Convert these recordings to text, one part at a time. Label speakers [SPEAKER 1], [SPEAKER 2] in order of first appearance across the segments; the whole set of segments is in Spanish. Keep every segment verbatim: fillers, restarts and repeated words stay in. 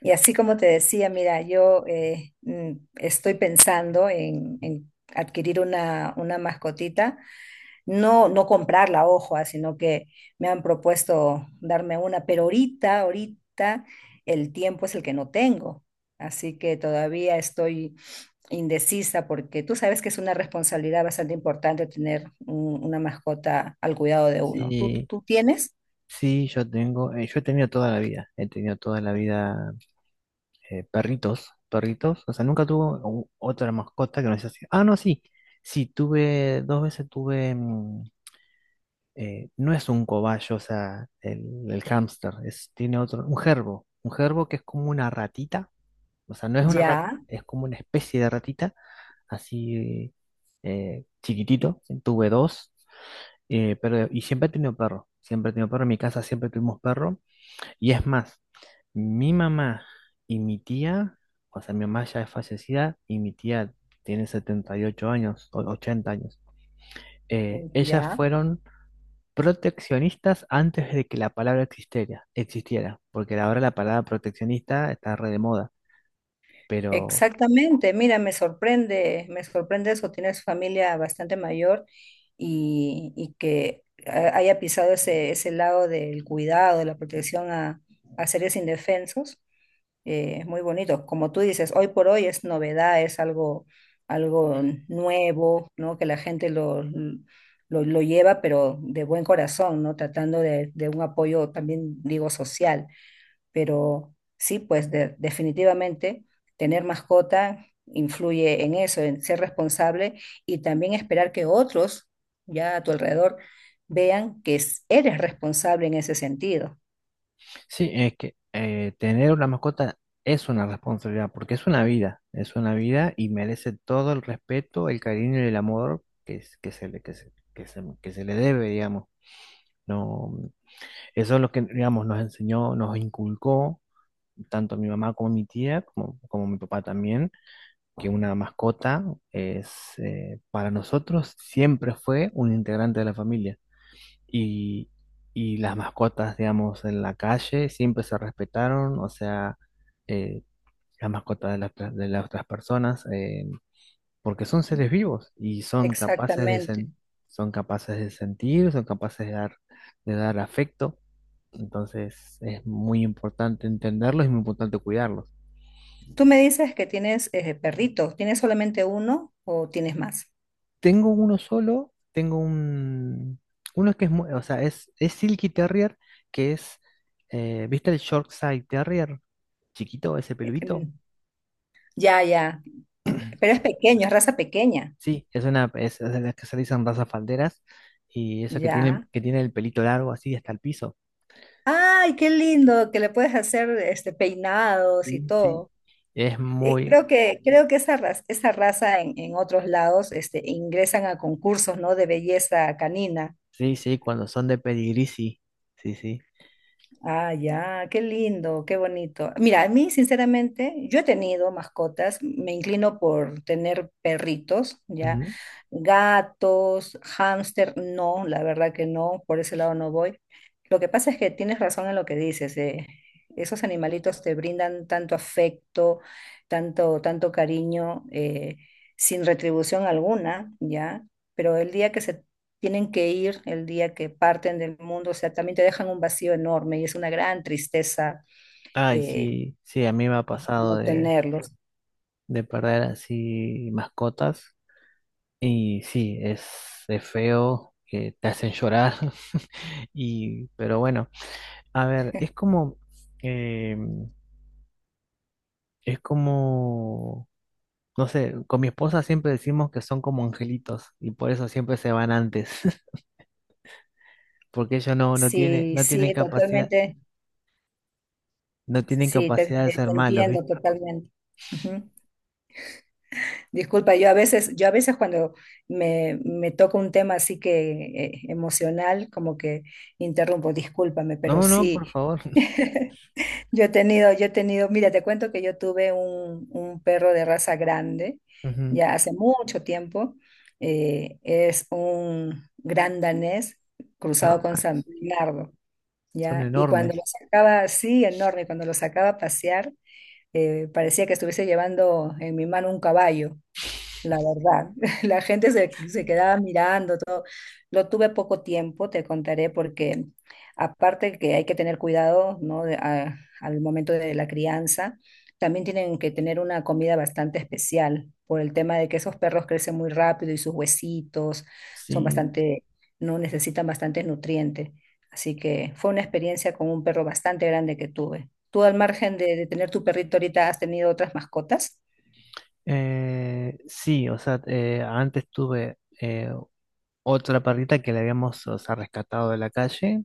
[SPEAKER 1] Y así como te decía, mira, yo eh, mm, estoy pensando en, en adquirir una, una mascotita, no, no comprarla, ojo, ah, sino que me han propuesto darme una, pero ahorita, ahorita el tiempo es el que no tengo, así que todavía estoy indecisa porque tú sabes que es una responsabilidad bastante importante tener un- una mascota al cuidado de uno. ¿Tú,
[SPEAKER 2] Sí,
[SPEAKER 1] tú tienes?
[SPEAKER 2] sí, yo tengo, eh, yo he tenido toda la vida, he tenido toda la vida eh, perritos, perritos, o sea, nunca tuve u- otra mascota que no sea así. Ah, no, sí, sí, tuve, dos veces tuve, mm, eh, no es un cobayo, o sea, el, el hámster, es, tiene otro, un gerbo, un gerbo que es como una ratita, o sea, no es una rata,
[SPEAKER 1] Ya,
[SPEAKER 2] es como una especie de ratita, así eh, chiquitito, tuve dos, eh, pero, y siempre he tenido perro, siempre he tenido perro, en mi casa siempre tuvimos perro. Y es más, mi mamá y mi tía, o sea, mi mamá ya es fallecida y mi tía tiene setenta y ocho años, o ochenta años. Eh, ellas
[SPEAKER 1] ya.
[SPEAKER 2] fueron proteccionistas antes de que la palabra existiera, existiera, porque ahora la palabra proteccionista está re de moda. Pero
[SPEAKER 1] Exactamente, mira, me sorprende, me sorprende eso, tienes familia bastante mayor y, y que ha- haya pisado ese, ese lado del cuidado, de la protección a, a seres indefensos, eh, es muy bonito. Como tú dices, hoy por hoy es novedad, es algo, algo nuevo, ¿no? Que la gente lo, lo, lo lleva, pero de buen corazón, ¿no? Tratando de, de un apoyo también, digo, social, pero sí, pues de- definitivamente tener mascota influye en eso, en ser responsable y también esperar que otros ya a tu alrededor vean que es- eres responsable en ese sentido.
[SPEAKER 2] sí, es que eh, tener una mascota es una responsabilidad, porque es una vida, es una vida y merece todo el respeto, el cariño y el amor que, es- que se le, que se- que se- que se le debe, digamos. No, mm, eso es lo que, digamos, nos enseñó, nos inculcó, tanto mi mamá como mi tía, como, como mi papá también, que una mascota es, eh, para nosotros siempre fue un integrante de la familia. Y, y las mascotas, digamos, en la calle siempre se respetaron, o sea, eh, las mascotas de las, de las otras personas, eh, porque son seres vivos y son capaces de,
[SPEAKER 1] Exactamente.
[SPEAKER 2] sen- son capaces de sentir, son capaces de dar, de dar afecto. Entonces es muy importante entenderlos y muy importante cuidarlos.
[SPEAKER 1] Tú me dices que tienes eh, perritos. ¿Tienes solamente uno o tienes más?
[SPEAKER 2] Tengo uno solo, tengo un... Uno que es, mu- o sea, es, es Silky Terrier, que es, eh, ¿viste el Yorkshire Terrier? Chiquito, ese peludito.
[SPEAKER 1] Mm. Ya, ya. Pero es pequeño, es raza pequeña.
[SPEAKER 2] Sí, es una, es, es de las que se dicen razas falderas y eso que tiene,
[SPEAKER 1] Ya.
[SPEAKER 2] que tiene el pelito largo así hasta el piso.
[SPEAKER 1] Ay, qué lindo que le puedes hacer este peinados y
[SPEAKER 2] Sí, sí.
[SPEAKER 1] todo.
[SPEAKER 2] Es
[SPEAKER 1] Eh,
[SPEAKER 2] muy,
[SPEAKER 1] Creo que, creo que esa raza, esa raza en, en otros lados este, ingresan a concursos, ¿no? De belleza canina.
[SPEAKER 2] sí, sí, cuando son de pedigrí, sí, sí, sí.
[SPEAKER 1] Ah, ya, qué lindo, qué bonito. Mira, a mí, sinceramente, yo he tenido mascotas, me inclino por tener perritos, ya,
[SPEAKER 2] Ujú.
[SPEAKER 1] gatos, hámster, no, la verdad que no, por ese lado no voy. Lo que pasa es que tienes razón en lo que dices, eh, esos animalitos te brindan tanto afecto, tanto, tanto cariño, eh, sin retribución alguna, ya, pero el día que se tienen que ir, el día que parten del mundo, o sea, también te dejan un vacío enorme y es una gran tristeza
[SPEAKER 2] Ay,
[SPEAKER 1] eh,
[SPEAKER 2] sí, sí, a mí me ha pasado
[SPEAKER 1] no
[SPEAKER 2] de,
[SPEAKER 1] tenerlos.
[SPEAKER 2] de perder así mascotas y sí, es, es feo, que te hacen llorar y, pero bueno, a ver, es como, eh, es como, no sé, con mi esposa siempre decimos que son como angelitos y por eso siempre se van antes, porque ellos no, no tienen,
[SPEAKER 1] Sí,
[SPEAKER 2] no tienen
[SPEAKER 1] sí,
[SPEAKER 2] capacidad,
[SPEAKER 1] totalmente,
[SPEAKER 2] no tienen
[SPEAKER 1] sí, te,
[SPEAKER 2] capacidad de
[SPEAKER 1] te-
[SPEAKER 2] ser
[SPEAKER 1] te
[SPEAKER 2] malos,
[SPEAKER 1] entiendo
[SPEAKER 2] ¿viste?
[SPEAKER 1] totalmente. Ujú. Disculpa, yo a veces, yo a veces cuando me, me toca un tema así que eh, emocional, como que interrumpo, discúlpame, pero
[SPEAKER 2] No, no,
[SPEAKER 1] sí.
[SPEAKER 2] por favor.
[SPEAKER 1] Yo he tenido, yo he tenido, mira, te cuento que yo tuve un, un perro de raza grande
[SPEAKER 2] Ujú.
[SPEAKER 1] ya hace mucho tiempo. Eh, es un gran danés cruzado
[SPEAKER 2] Ah,
[SPEAKER 1] con San
[SPEAKER 2] sí,
[SPEAKER 1] Bernardo,
[SPEAKER 2] son
[SPEAKER 1] ¿ya? Y cuando lo
[SPEAKER 2] enormes.
[SPEAKER 1] sacaba así, enorme, cuando lo sacaba a pasear, eh, parecía que estuviese llevando en mi mano un caballo. La verdad, la gente se, se quedaba mirando todo. Lo tuve poco tiempo, te contaré, porque aparte que hay que tener cuidado, ¿no? De- a- al momento de la crianza, también tienen que tener una comida bastante especial por el tema de que esos perros crecen muy rápido y sus huesitos son
[SPEAKER 2] Sí.
[SPEAKER 1] bastante, no necesitan bastantes nutrientes. Así que fue una experiencia con un perro bastante grande que tuve. ¿Tú al margen de, de tener tu perrito ahorita has tenido otras mascotas?
[SPEAKER 2] Eh, sí, o sea, eh, antes tuve eh, otra perrita que la habíamos, o sea, rescatado de la calle.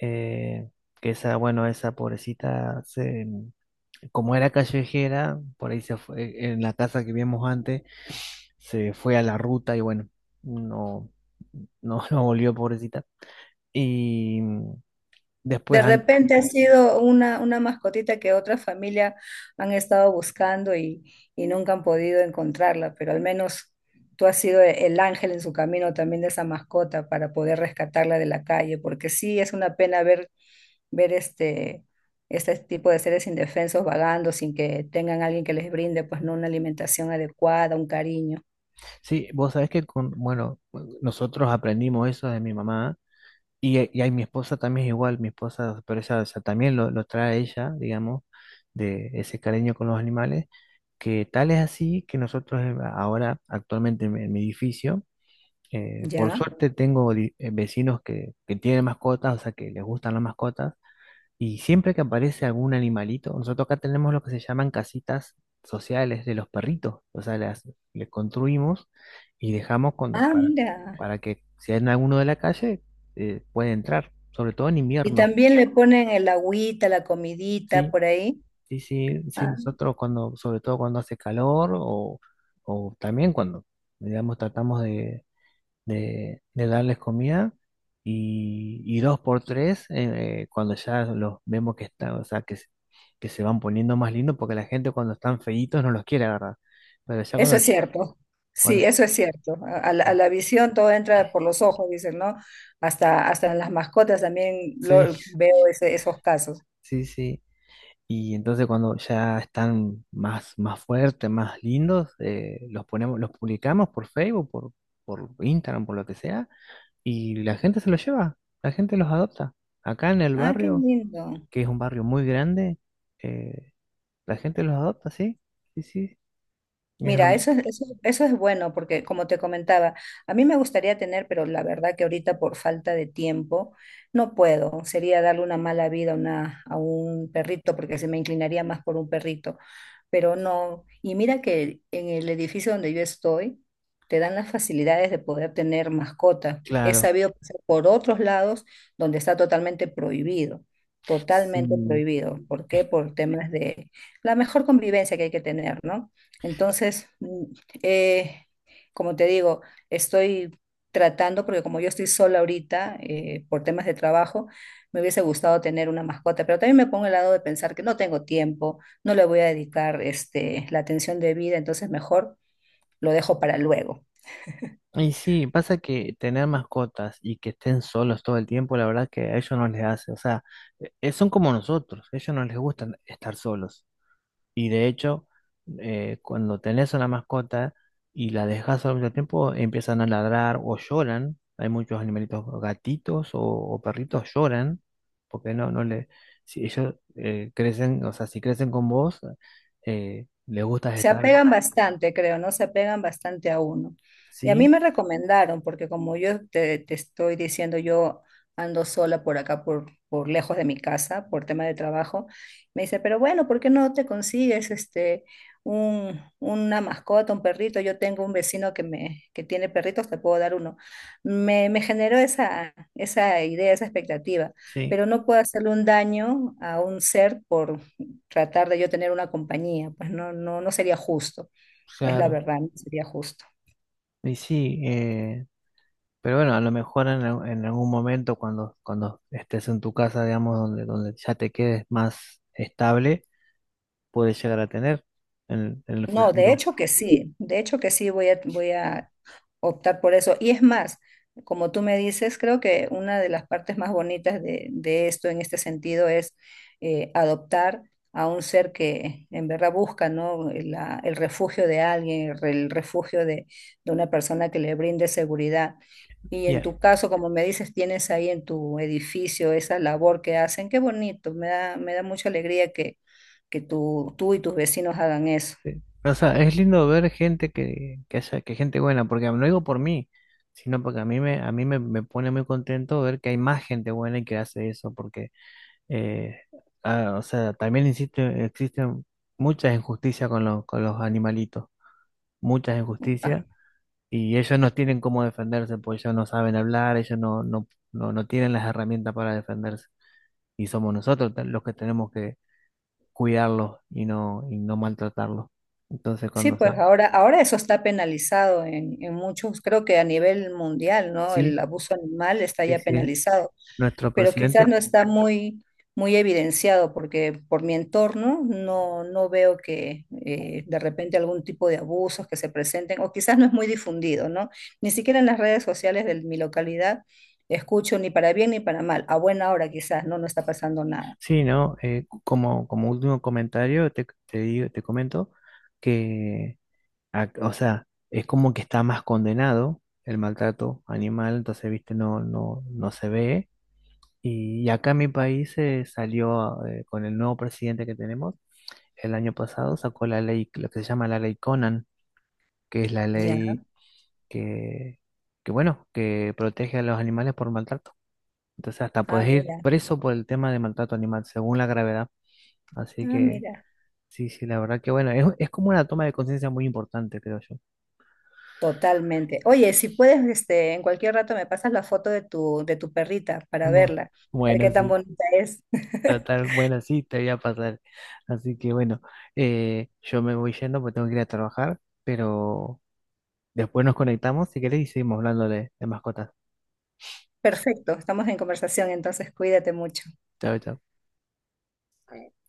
[SPEAKER 2] eh, que esa, bueno, esa pobrecita, se, como era callejera, por ahí se fue, en la casa que vimos antes, se fue a la ruta y bueno, no, no, no volvió, pobrecita. Y después,
[SPEAKER 1] De
[SPEAKER 2] an-
[SPEAKER 1] repente ha sido una, una mascotita que otra familia han estado buscando y, y nunca han podido encontrarla, pero al menos tú has sido e- el ángel en su camino también de esa mascota para poder rescatarla de la calle, porque sí es una pena ver, ver este, este tipo de seres indefensos vagando sin que tengan alguien que les brinde pues no una alimentación adecuada, un cariño,
[SPEAKER 2] sí, vos sabés que con, bueno, nosotros aprendimos eso de mi mamá y, eh, y ahí mi esposa también es igual, mi esposa, pero esa, esa también lo, lo trae ella, digamos, de ese cariño con los animales, que tal es así que nosotros eh, ahora actualmente en, en mi edificio, eh, por
[SPEAKER 1] ¿ya?
[SPEAKER 2] suerte tengo di- eh, vecinos que, que tienen mascotas, o sea, que les gustan las mascotas. Y siempre que aparece algún animalito, nosotros acá tenemos lo que se llaman casitas sociales de los perritos. O sea, las, les construimos y dejamos cuando,
[SPEAKER 1] Ah,
[SPEAKER 2] para,
[SPEAKER 1] mira.
[SPEAKER 2] para que si hay alguno de la calle, eh, puede entrar, sobre todo en
[SPEAKER 1] Y
[SPEAKER 2] invierno.
[SPEAKER 1] también le ponen el agüita, la comidita
[SPEAKER 2] Sí,
[SPEAKER 1] por ahí.
[SPEAKER 2] sí, sí, sí,
[SPEAKER 1] Ah.
[SPEAKER 2] nosotros cuando, sobre todo cuando hace calor o, o también cuando, digamos, tratamos de, de, de darles comida y, y dos por tres eh, eh, cuando ya los vemos que están, o sea, que, se- que se van poniendo más lindos porque la gente cuando están feitos no los quiere agarrar. Pero ya
[SPEAKER 1] Eso es
[SPEAKER 2] cuando,
[SPEAKER 1] cierto,
[SPEAKER 2] cuando
[SPEAKER 1] sí, eso es cierto. A, a la, a la visión todo entra por los ojos, dicen, ¿no? Hasta, hasta en las mascotas también lo,
[SPEAKER 2] sí,
[SPEAKER 1] veo ese- esos casos.
[SPEAKER 2] sí, sí. Y entonces cuando ya están más, más fuertes, más lindos, eh, los ponemos, los publicamos por Facebook, por, por Instagram, por lo que sea, y la gente se los lleva, la gente los adopta. Acá en el
[SPEAKER 1] Ah, qué
[SPEAKER 2] barrio,
[SPEAKER 1] lindo.
[SPEAKER 2] que es un barrio muy grande, eh, la gente los adopta, sí. Sí, sí. Es
[SPEAKER 1] Mira,
[SPEAKER 2] herm-
[SPEAKER 1] eso es, eso, eso es bueno porque, como te comentaba, a mí me gustaría tener, pero la verdad que ahorita por falta de tiempo no puedo. Sería darle una mala vida a, una, a un perrito porque se me inclinaría más por un perrito. Pero no. Y mira que en el edificio donde yo estoy, te dan las facilidades de poder tener mascotas. He
[SPEAKER 2] claro.
[SPEAKER 1] sabido pasar por otros lados donde está totalmente prohibido, totalmente
[SPEAKER 2] Sí.
[SPEAKER 1] prohibido. ¿Por qué? Por temas de la mejor convivencia que hay que tener, ¿no? Entonces, mm, eh, como te digo, estoy tratando, porque como yo estoy sola ahorita, eh, por temas de trabajo, me hubiese gustado tener una mascota, pero también me pongo el lado de pensar que no tengo tiempo, no le voy a dedicar este, la atención debida, entonces mejor lo dejo para luego.
[SPEAKER 2] Y sí, pasa que tener mascotas y que estén solos todo el tiempo, la verdad que a ellos no les hace. O sea, eh, son como nosotros, a ellos no les gusta estar solos. Y de hecho, eh, cuando tenés una mascota y la dejas al mucho tiempo, empiezan a ladrar o lloran. Hay muchos animalitos, gatitos o, o perritos lloran, porque no, no le, si ellos eh, crecen, o sea, si crecen con vos, eh, les gusta
[SPEAKER 1] Se
[SPEAKER 2] estar,
[SPEAKER 1] apegan bastante, creo, ¿no? Se apegan bastante a uno. Y a mí
[SPEAKER 2] sí,
[SPEAKER 1] me recomendaron, porque como yo te, te estoy diciendo, yo ando sola por acá, por, por lejos de mi casa, por tema de trabajo, me dice, pero bueno, ¿por qué no te consigues este, un, una mascota, un perrito? Yo tengo un vecino que, me, que tiene perritos, te puedo dar uno. Me, me generó esa, esa idea, esa expectativa,
[SPEAKER 2] sí,
[SPEAKER 1] pero no puedo hacerle un daño a un ser por tratar de yo tener una compañía, pues no, no, no sería justo, es la
[SPEAKER 2] claro,
[SPEAKER 1] verdad, no sería justo.
[SPEAKER 2] y sí, eh, pero bueno, a lo mejor en, al- en algún momento cuando, cuando estés en tu casa, digamos, donde, donde ya te quedes más estable puede llegar a tener en, en el
[SPEAKER 1] No, de
[SPEAKER 2] futuro.
[SPEAKER 1] hecho que sí, de hecho que sí voy a, voy a optar por eso. Y es más, como tú me dices, creo que una de las partes más bonitas de, de esto en este sentido es eh, adoptar a un ser que en verdad busca, ¿no? La- el refugio de alguien, el, re- el refugio de, de una persona que le brinde seguridad. Y en
[SPEAKER 2] Ya,
[SPEAKER 1] tu caso, como me dices, tienes ahí en tu edificio esa labor que hacen. Qué bonito, me da, me da mucha alegría que, que tú, tú y tus vecinos hagan eso.
[SPEAKER 2] eh, o sea, es lindo ver gente que, que haya, que gente buena, porque no digo por mí, sino porque a mí me, a mí me, me pone muy contento ver que hay más gente buena y que hace eso, porque eh, ah, o sea, también insisto, existen muchas injusticias con los, con los animalitos, muchas injusticias, y ellos no tienen cómo defenderse, porque ellos no saben hablar, ellos no, no, no, no tienen las herramientas para defenderse. Y somos nosotros los que tenemos que, cuidarlos y no, y no maltratarlos. Entonces,
[SPEAKER 1] Sí,
[SPEAKER 2] cuando
[SPEAKER 1] pues
[SPEAKER 2] se...
[SPEAKER 1] ahora, ahora eso está penalizado en, en muchos, creo que a nivel mundial, ¿no? El
[SPEAKER 2] Sí,
[SPEAKER 1] abuso animal está
[SPEAKER 2] sí,
[SPEAKER 1] ya
[SPEAKER 2] sí.
[SPEAKER 1] penalizado,
[SPEAKER 2] Nuestro
[SPEAKER 1] pero quizás
[SPEAKER 2] presidente.
[SPEAKER 1] no está muy, muy evidenciado porque por mi entorno no, no veo que eh, de repente algún tipo de abusos que se presenten o quizás no es muy difundido, ¿no? Ni siquiera en las redes sociales de mi localidad escucho ni para bien ni para mal. A buena hora quizás, ¿no? No está pasando nada.
[SPEAKER 2] Sí, ¿no? Eh, como, como último comentario, te, te digo, te comento que, ac- o sea, es como que está más condenado el maltrato animal, entonces, viste, no, no, no se ve. Y acá en mi país se salió eh, con el nuevo presidente que tenemos el año pasado, sacó la ley, lo que se llama la ley Conan, que es la
[SPEAKER 1] Ya.
[SPEAKER 2] ley que, que bueno, que protege a los animales por maltrato. Entonces hasta
[SPEAKER 1] Ah,
[SPEAKER 2] podés ir
[SPEAKER 1] mira.
[SPEAKER 2] preso por el tema de maltrato animal, según la gravedad. Así
[SPEAKER 1] Ah,
[SPEAKER 2] que
[SPEAKER 1] mira.
[SPEAKER 2] sí, sí, la verdad que bueno, es, es como una toma de conciencia muy importante, creo yo.
[SPEAKER 1] Totalmente. Oye, si puedes, este, en cualquier rato me pasas la foto de tu, de tu perrita para
[SPEAKER 2] Bu-
[SPEAKER 1] verla, a ver
[SPEAKER 2] Bueno,
[SPEAKER 1] qué tan
[SPEAKER 2] sí,
[SPEAKER 1] bonita es.
[SPEAKER 2] ta- bueno, sí, te voy a pasar. Así que bueno, eh, yo me voy yendo porque tengo que ir a trabajar, pero después nos conectamos si querés y seguimos hablando de, de mascotas.
[SPEAKER 1] Perfecto, estamos en conversación, entonces cuídate mucho.
[SPEAKER 2] Chao, chao.